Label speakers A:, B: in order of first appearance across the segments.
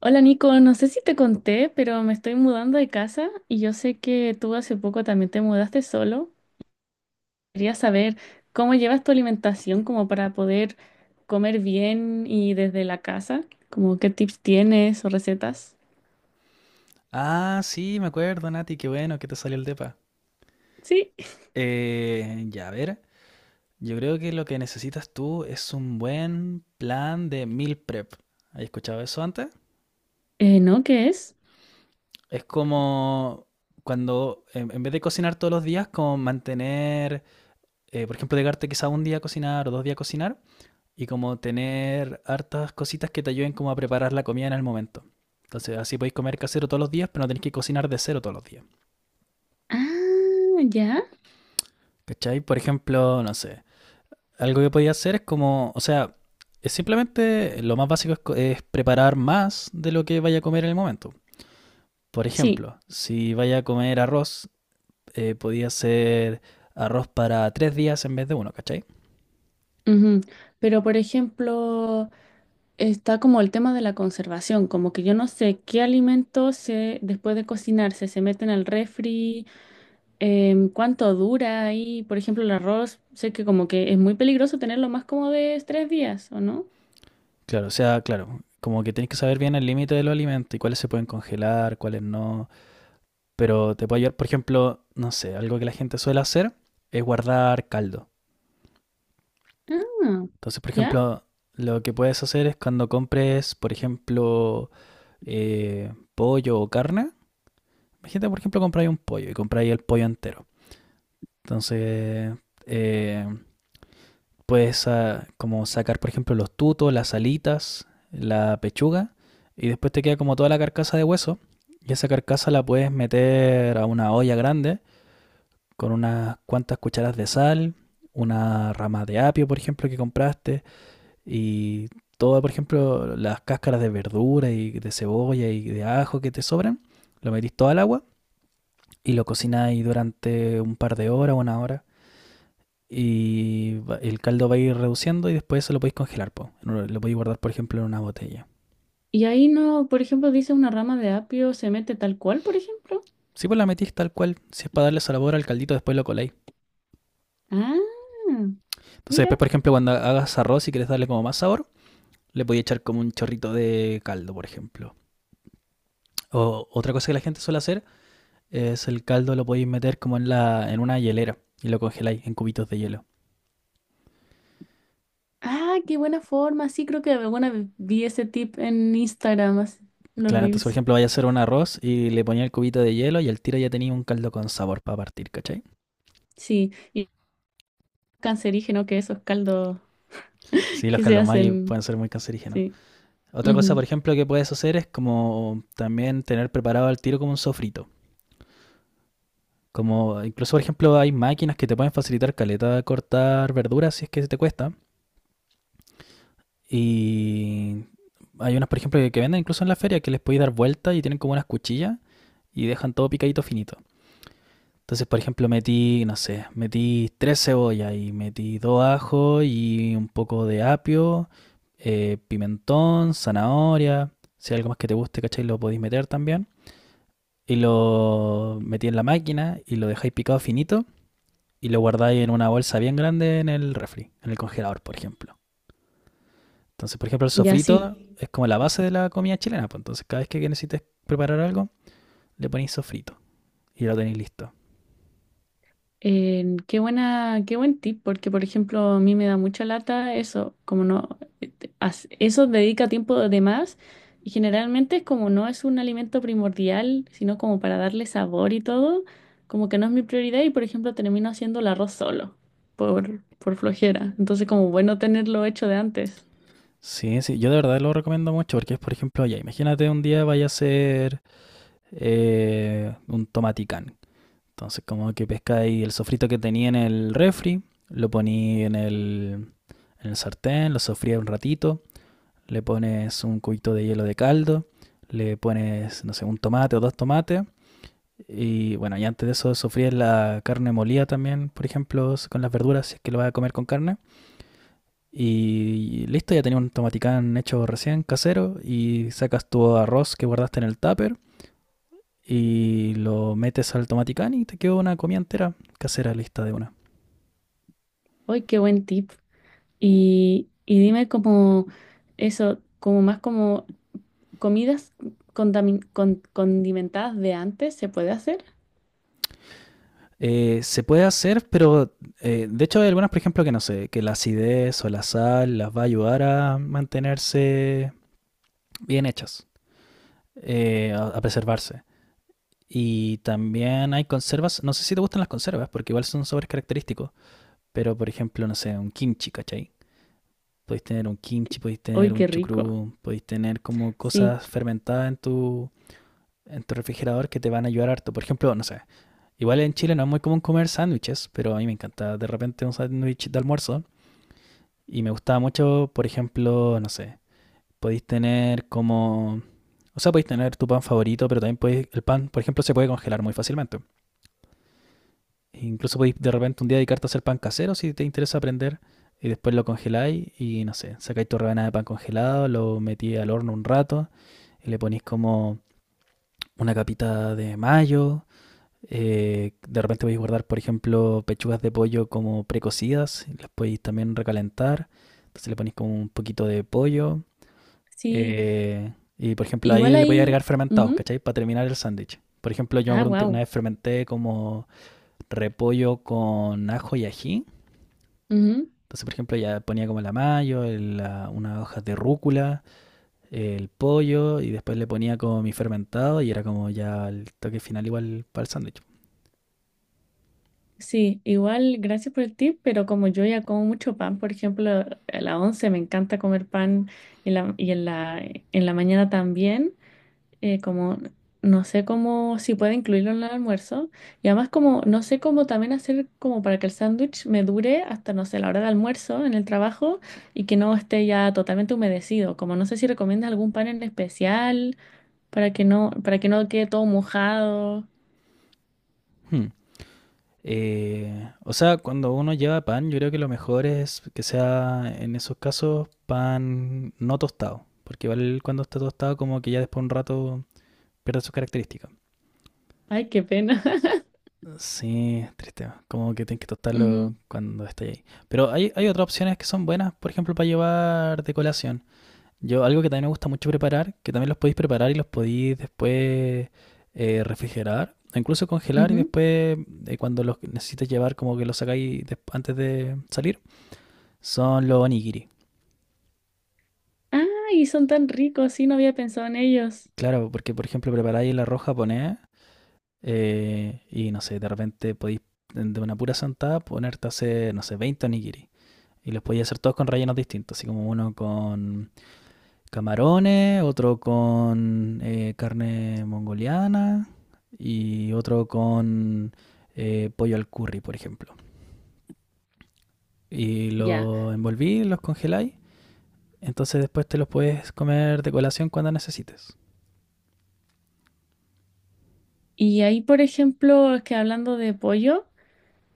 A: Hola Nico, no sé si te conté, pero me estoy mudando de casa y yo sé que tú hace poco también te mudaste solo. Quería saber cómo llevas tu alimentación como para poder comer bien y desde la casa, como qué tips tienes o recetas.
B: Ah, sí, me acuerdo, Nati, qué bueno que te salió el depa.
A: Sí.
B: Ya, a ver, yo creo que lo que necesitas tú es un buen plan de meal prep. ¿Has escuchado eso antes?
A: ¿No? ¿Qué es?
B: Es como cuando, en vez de cocinar todos los días, como mantener, por ejemplo, dejarte quizá un día a cocinar o dos días a cocinar, y como tener hartas cositas que te ayuden como a preparar la comida en el momento. Entonces, así podéis comer casero todos los días, pero no tenéis que cocinar de cero todos los días.
A: Ah, ya.
B: ¿Cachai? Por ejemplo, no sé, algo que podía hacer es como, o sea, es simplemente lo más básico es, es preparar más de lo que vaya a comer en el momento. Por
A: Sí.
B: ejemplo, si vaya a comer arroz, podía hacer arroz para tres días en vez de uno, ¿cachai?
A: Ujú. Pero por ejemplo, está como el tema de la conservación, como que yo no sé qué alimentos después de cocinarse se meten al refri. ¿Cuánto dura ahí? Por ejemplo, el arroz, sé que como que es muy peligroso tenerlo más como de tres días, ¿o no?
B: Claro, o sea, claro, como que tienes que saber bien el límite de los alimentos y cuáles se pueden congelar, cuáles no. Pero te puede ayudar, por ejemplo, no sé, algo que la gente suele hacer es guardar caldo.
A: Ah,
B: Entonces, por
A: ¿ya?
B: ejemplo, lo que puedes hacer es cuando compres, por ejemplo, pollo o carne. Imagínate, por ejemplo, compráis un pollo y compráis el pollo entero. Entonces, eh, puedes como sacar, por ejemplo, los tutos, las alitas, la pechuga, y después te queda como toda la carcasa de hueso. Y esa carcasa la puedes meter a una olla grande con unas cuantas cucharas de sal, una rama de apio, por ejemplo, que compraste, y todas, por ejemplo, las cáscaras de verdura y de cebolla y de ajo que te sobran, lo metís todo al agua y lo cocináis durante un par de horas, una hora, y el caldo va a ir reduciendo y después eso lo podéis congelar, po. Lo podéis guardar, por ejemplo, en una botella.
A: Y ahí no, por ejemplo, dice una rama de apio se mete tal cual, por ejemplo.
B: Si vos la metís tal cual, si es para darle sabor al caldito, después lo coláis.
A: Ah,
B: Entonces después,
A: mira.
B: por ejemplo, cuando hagas arroz y quieres darle como más sabor, le podéis echar como un chorrito de caldo, por ejemplo. O otra cosa que la gente suele hacer es el caldo lo podéis meter como en en una hielera y lo congeláis en cubitos de hielo.
A: Ah, qué buena forma. Sí, creo que alguna vez vi ese tip en Instagram, así, en los
B: Claro, entonces por
A: Reels.
B: ejemplo vaya a hacer un arroz y le ponía el cubito de hielo y al tiro ya tenía un caldo con sabor para partir, ¿cachai?
A: Sí, y cancerígeno que esos caldos
B: Sí, los
A: que se
B: caldos caldomagi
A: hacen.
B: pueden ser muy cancerígenos.
A: Sí.
B: Otra cosa,
A: Ujú.
B: por ejemplo, que puedes hacer es como también tener preparado al tiro como un sofrito. Como incluso, por ejemplo, hay máquinas que te pueden facilitar caleta de cortar verduras si es que te cuesta. Y hay unas, por ejemplo, que venden incluso en la feria que les podéis dar vuelta y tienen como unas cuchillas y dejan todo picadito finito. Entonces, por ejemplo, metí, no sé, metí tres cebollas y metí dos ajos y un poco de apio, pimentón, zanahoria. Si hay algo más que te guste, ¿cachai? Lo podéis meter también. Y lo metí en la máquina y lo dejáis picado finito y lo guardáis en una bolsa bien grande en el refri, en el congelador, por ejemplo. Entonces, por ejemplo, el
A: Ya, sí.
B: sofrito es como la base de la comida chilena. Pues entonces, cada vez que necesites preparar algo, le ponéis sofrito y lo tenéis listo.
A: Qué buena, qué buen tip, porque por ejemplo a mí me da mucha lata eso, como no, eso dedica tiempo de más y generalmente es como no es un alimento primordial, sino como para darle sabor y todo, como que no es mi prioridad y por ejemplo termino haciendo el arroz solo por flojera, entonces como bueno tenerlo hecho de antes.
B: Sí, sí, yo de verdad lo recomiendo mucho porque es, por ejemplo, ya imagínate un día vaya a hacer un tomaticán. Entonces, como que pescáis el sofrito que tenía en el refri, lo poní en en el sartén, lo sofría un ratito, le pones un cubito de hielo de caldo, le pones, no sé, un tomate o dos tomates. Y bueno, y antes de eso sofríes la carne molida también, por ejemplo, con las verduras, si es que lo vas a comer con carne. Y listo, ya tenías un tomaticán hecho recién casero y sacas tu arroz que guardaste en el tupper y lo metes al tomaticán y te quedó una comida entera casera lista de una.
A: Hoy qué buen tip. Y dime como eso, como más como comidas condimentadas de antes, ¿se puede hacer?
B: Se puede hacer, pero de hecho hay algunas, por ejemplo, que no sé, que la acidez o la sal las va a ayudar a mantenerse bien hechas, a preservarse. Y también hay conservas, no sé si te gustan las conservas, porque igual son sabores característicos, pero por ejemplo, no sé, un kimchi, ¿cachai? Podéis tener un kimchi, podéis
A: Uy,
B: tener
A: qué
B: un
A: rico.
B: chucrú, podéis tener como
A: Sí,
B: cosas fermentadas en en tu refrigerador que te van a ayudar harto. Por ejemplo, no sé, igual en Chile no es muy común comer sándwiches, pero a mí me encanta de repente un sándwich de almuerzo. Y me gustaba mucho, por ejemplo, no sé, podéis tener como... O sea, podéis tener tu pan favorito, pero también podéis, el pan, por ejemplo, se puede congelar muy fácilmente. E incluso podéis de repente un día dedicarte a hacer pan casero si te interesa aprender. Y después lo congeláis y no sé, sacáis tu rebanada de pan congelado, lo metí al horno un rato y le ponéis como una capita de mayo. De repente podéis guardar, por ejemplo, pechugas de pollo como precocidas, y las podéis también recalentar. Entonces le ponéis como un poquito de pollo.
A: sí.
B: eh, y por ejemplo, ahí
A: Igual
B: le podéis
A: ahí.
B: agregar fermentados,
A: Ujú.
B: ¿cachai? Para terminar el sándwich. Por ejemplo, yo me
A: Ah,
B: acuerdo una
A: wow.
B: vez fermenté como repollo con ajo y ají. Entonces, por ejemplo, ya ponía como la mayo, unas hojas de rúcula, el pollo y después le ponía como mi fermentado y era como ya el toque final igual para el sándwich.
A: Sí, igual gracias por el tip, pero como yo ya como mucho pan, por ejemplo, a la once me encanta comer pan y en la mañana también, como no sé cómo, si puedo incluirlo en el almuerzo, y además como no sé cómo también hacer como para que el sándwich me dure hasta, no sé, la hora de almuerzo en el trabajo y que no esté ya totalmente humedecido, como no sé si recomiendas algún pan en especial para que no quede todo mojado.
B: Hmm. O sea, cuando uno lleva pan, yo creo que lo mejor es que sea en esos casos pan no tostado, porque igual cuando está tostado como que ya después de un rato pierde sus características.
A: Ay, qué pena.
B: Sí, triste, como que tienes que
A: Ujú,
B: tostarlo cuando está ahí. Pero hay otras opciones que son buenas, por ejemplo, para llevar de colación. Yo, algo que también me gusta mucho preparar, que también los podéis preparar y los podéis después refrigerar, o incluso congelar y
A: ujú.
B: después cuando los necesites llevar como que los sacáis antes de salir, son los onigiri.
A: Ah, y son tan ricos, sí, no había pensado en ellos.
B: Claro, porque por ejemplo preparáis el arroz japonés y no sé, de repente podéis de una pura sentada ponerte a hacer, no sé, 20 onigiri. Y los podéis hacer todos con rellenos distintos, así como uno con camarones, otro con carne mongoliana y otro con pollo al curry, por ejemplo. Y
A: Ya.
B: los envolví, los congeláis. Entonces después te los puedes comer de colación cuando necesites.
A: Y ahí, por ejemplo, es que hablando de pollo,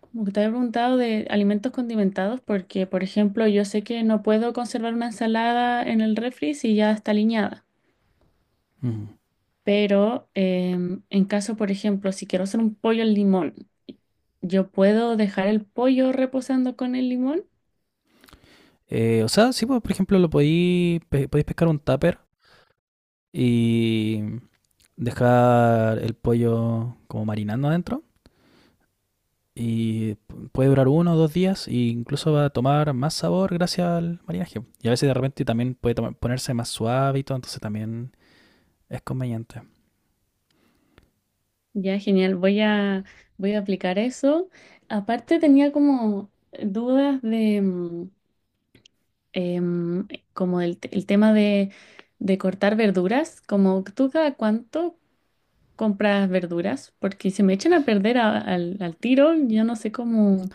A: como que te había preguntado de alimentos condimentados, porque, por ejemplo, yo sé que no puedo conservar una ensalada en el refri si ya está aliñada.
B: Ujú.
A: Pero en caso, por ejemplo, si quiero hacer un pollo al limón, ¿yo puedo dejar el pollo reposando con el limón?
B: O sea, sí, pues, por ejemplo, lo podéis podéis pescar un tupper y dejar el pollo como marinando adentro. Y puede durar uno o dos días e incluso va a tomar más sabor gracias al marinaje. Y a veces de repente también puede ponerse más suave y todo, entonces también es conveniente.
A: Ya, genial. Voy a aplicar eso. Aparte tenía como dudas de em, como el tema de cortar verduras. Como tú cada cuánto compras verduras, porque se me echan a perder al tiro, yo no sé cómo,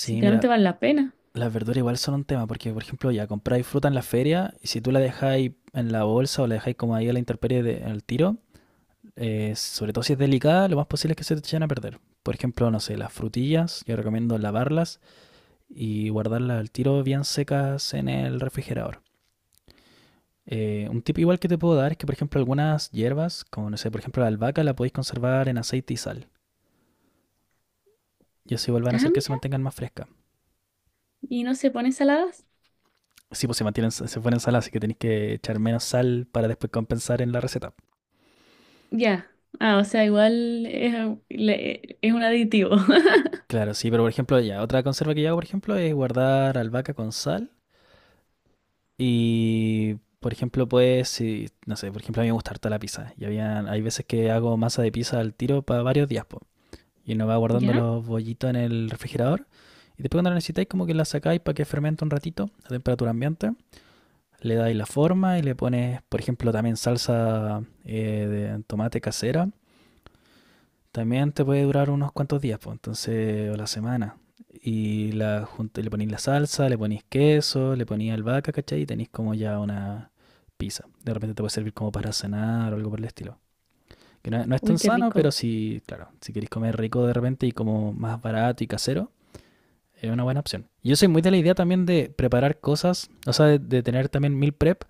A: si finalmente
B: mira,
A: vale la pena.
B: las verduras igual son un tema, porque por ejemplo ya compráis fruta en la feria y si tú la dejáis en la bolsa o la dejáis como ahí a la intemperie en el tiro, sobre todo si es delicada, lo más posible es que se te echen a perder. Por ejemplo, no sé, las frutillas, yo recomiendo lavarlas y guardarlas al tiro bien secas en el refrigerador. Un tip igual que te puedo dar es que, por ejemplo, algunas hierbas, como no sé, por ejemplo la albahaca, la podéis conservar en aceite y sal. Y así vuelvan a
A: Ah,
B: hacer que se
A: mira.
B: mantengan más frescas.
A: ¿Y no se pone saladas?
B: Sí, pues se mantienen, se fueron en sal, así que tenéis que echar menos sal para después compensar en la receta.
A: Ya. Ah, o sea, igual es, es un aditivo.
B: Claro, sí, pero por ejemplo, ya, otra conserva que yo hago, por ejemplo, es guardar albahaca con sal. Y, por ejemplo, pues, si, no sé, por ejemplo, a mí me gusta harta la pizza. Y había, hay veces que hago masa de pizza al tiro para varios días, po. Y uno va guardando
A: ¿Ya?
B: los bollitos en el refrigerador. Y después cuando lo necesitáis, como que la sacáis para que fermente un ratito a temperatura ambiente. Le dais la forma y le pones, por ejemplo, también salsa de tomate casera. También te puede durar unos cuantos días, pues, entonces, o la semana. Y le ponéis la salsa, le ponéis queso, le ponéis albahaca, ¿cachai? Y tenéis como ya una pizza. De repente te puede servir como para cenar o algo por el estilo. Que no, no es tan
A: Uy, qué
B: sano, pero
A: rico.
B: sí, claro, si queréis comer rico de repente y como más barato y casero, es una buena opción. Yo soy muy de la idea también de preparar cosas, o sea, de tener también meal prep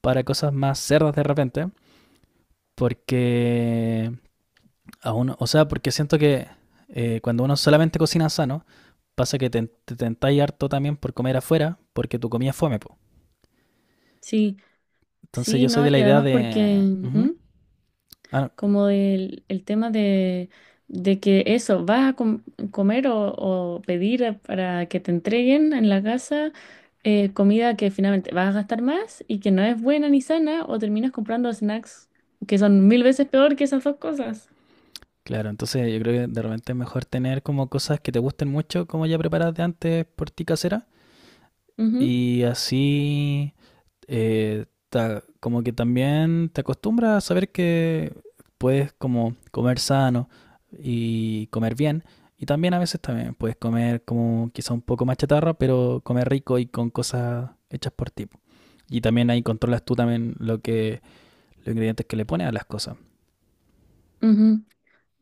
B: para cosas más cerdas de repente, porque aún, o sea, porque siento que cuando uno solamente cocina sano, pasa que te tentáis harto también por comer afuera, porque tu comida es fome, po.
A: Sí,
B: Entonces
A: sí,
B: yo soy
A: no,
B: de la
A: y
B: idea
A: además porque...
B: de...
A: ¿Mm?
B: Ujú. Ah, no.
A: Como el tema de que eso, comer o pedir para que te entreguen en la casa comida que finalmente vas a gastar más y que no es buena ni sana, o terminas comprando snacks que son 1000 veces peor que esas dos cosas.
B: Claro, entonces yo creo que de repente es mejor tener como cosas que te gusten mucho, como ya preparadas de antes por ti casera,
A: Ujú,
B: y así como que también te acostumbras a saber que puedes como comer sano y comer bien. Y también a veces también puedes comer como quizá un poco más chatarra, pero comer rico y con cosas hechas por ti. Y también ahí controlas tú también lo que, los ingredientes que le pones a las cosas.
A: ujú.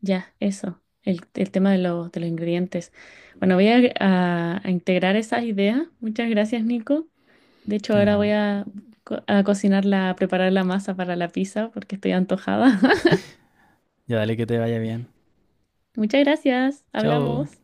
A: Ya, eso, el tema de los ingredientes. Bueno, voy a integrar esas ideas. Muchas gracias, Nico. De hecho, ahora
B: Ya,
A: voy a, co- a cocinar a preparar la masa para la pizza porque estoy antojada.
B: ya dale que te vaya bien.
A: Muchas gracias.
B: Chao.
A: Hablamos.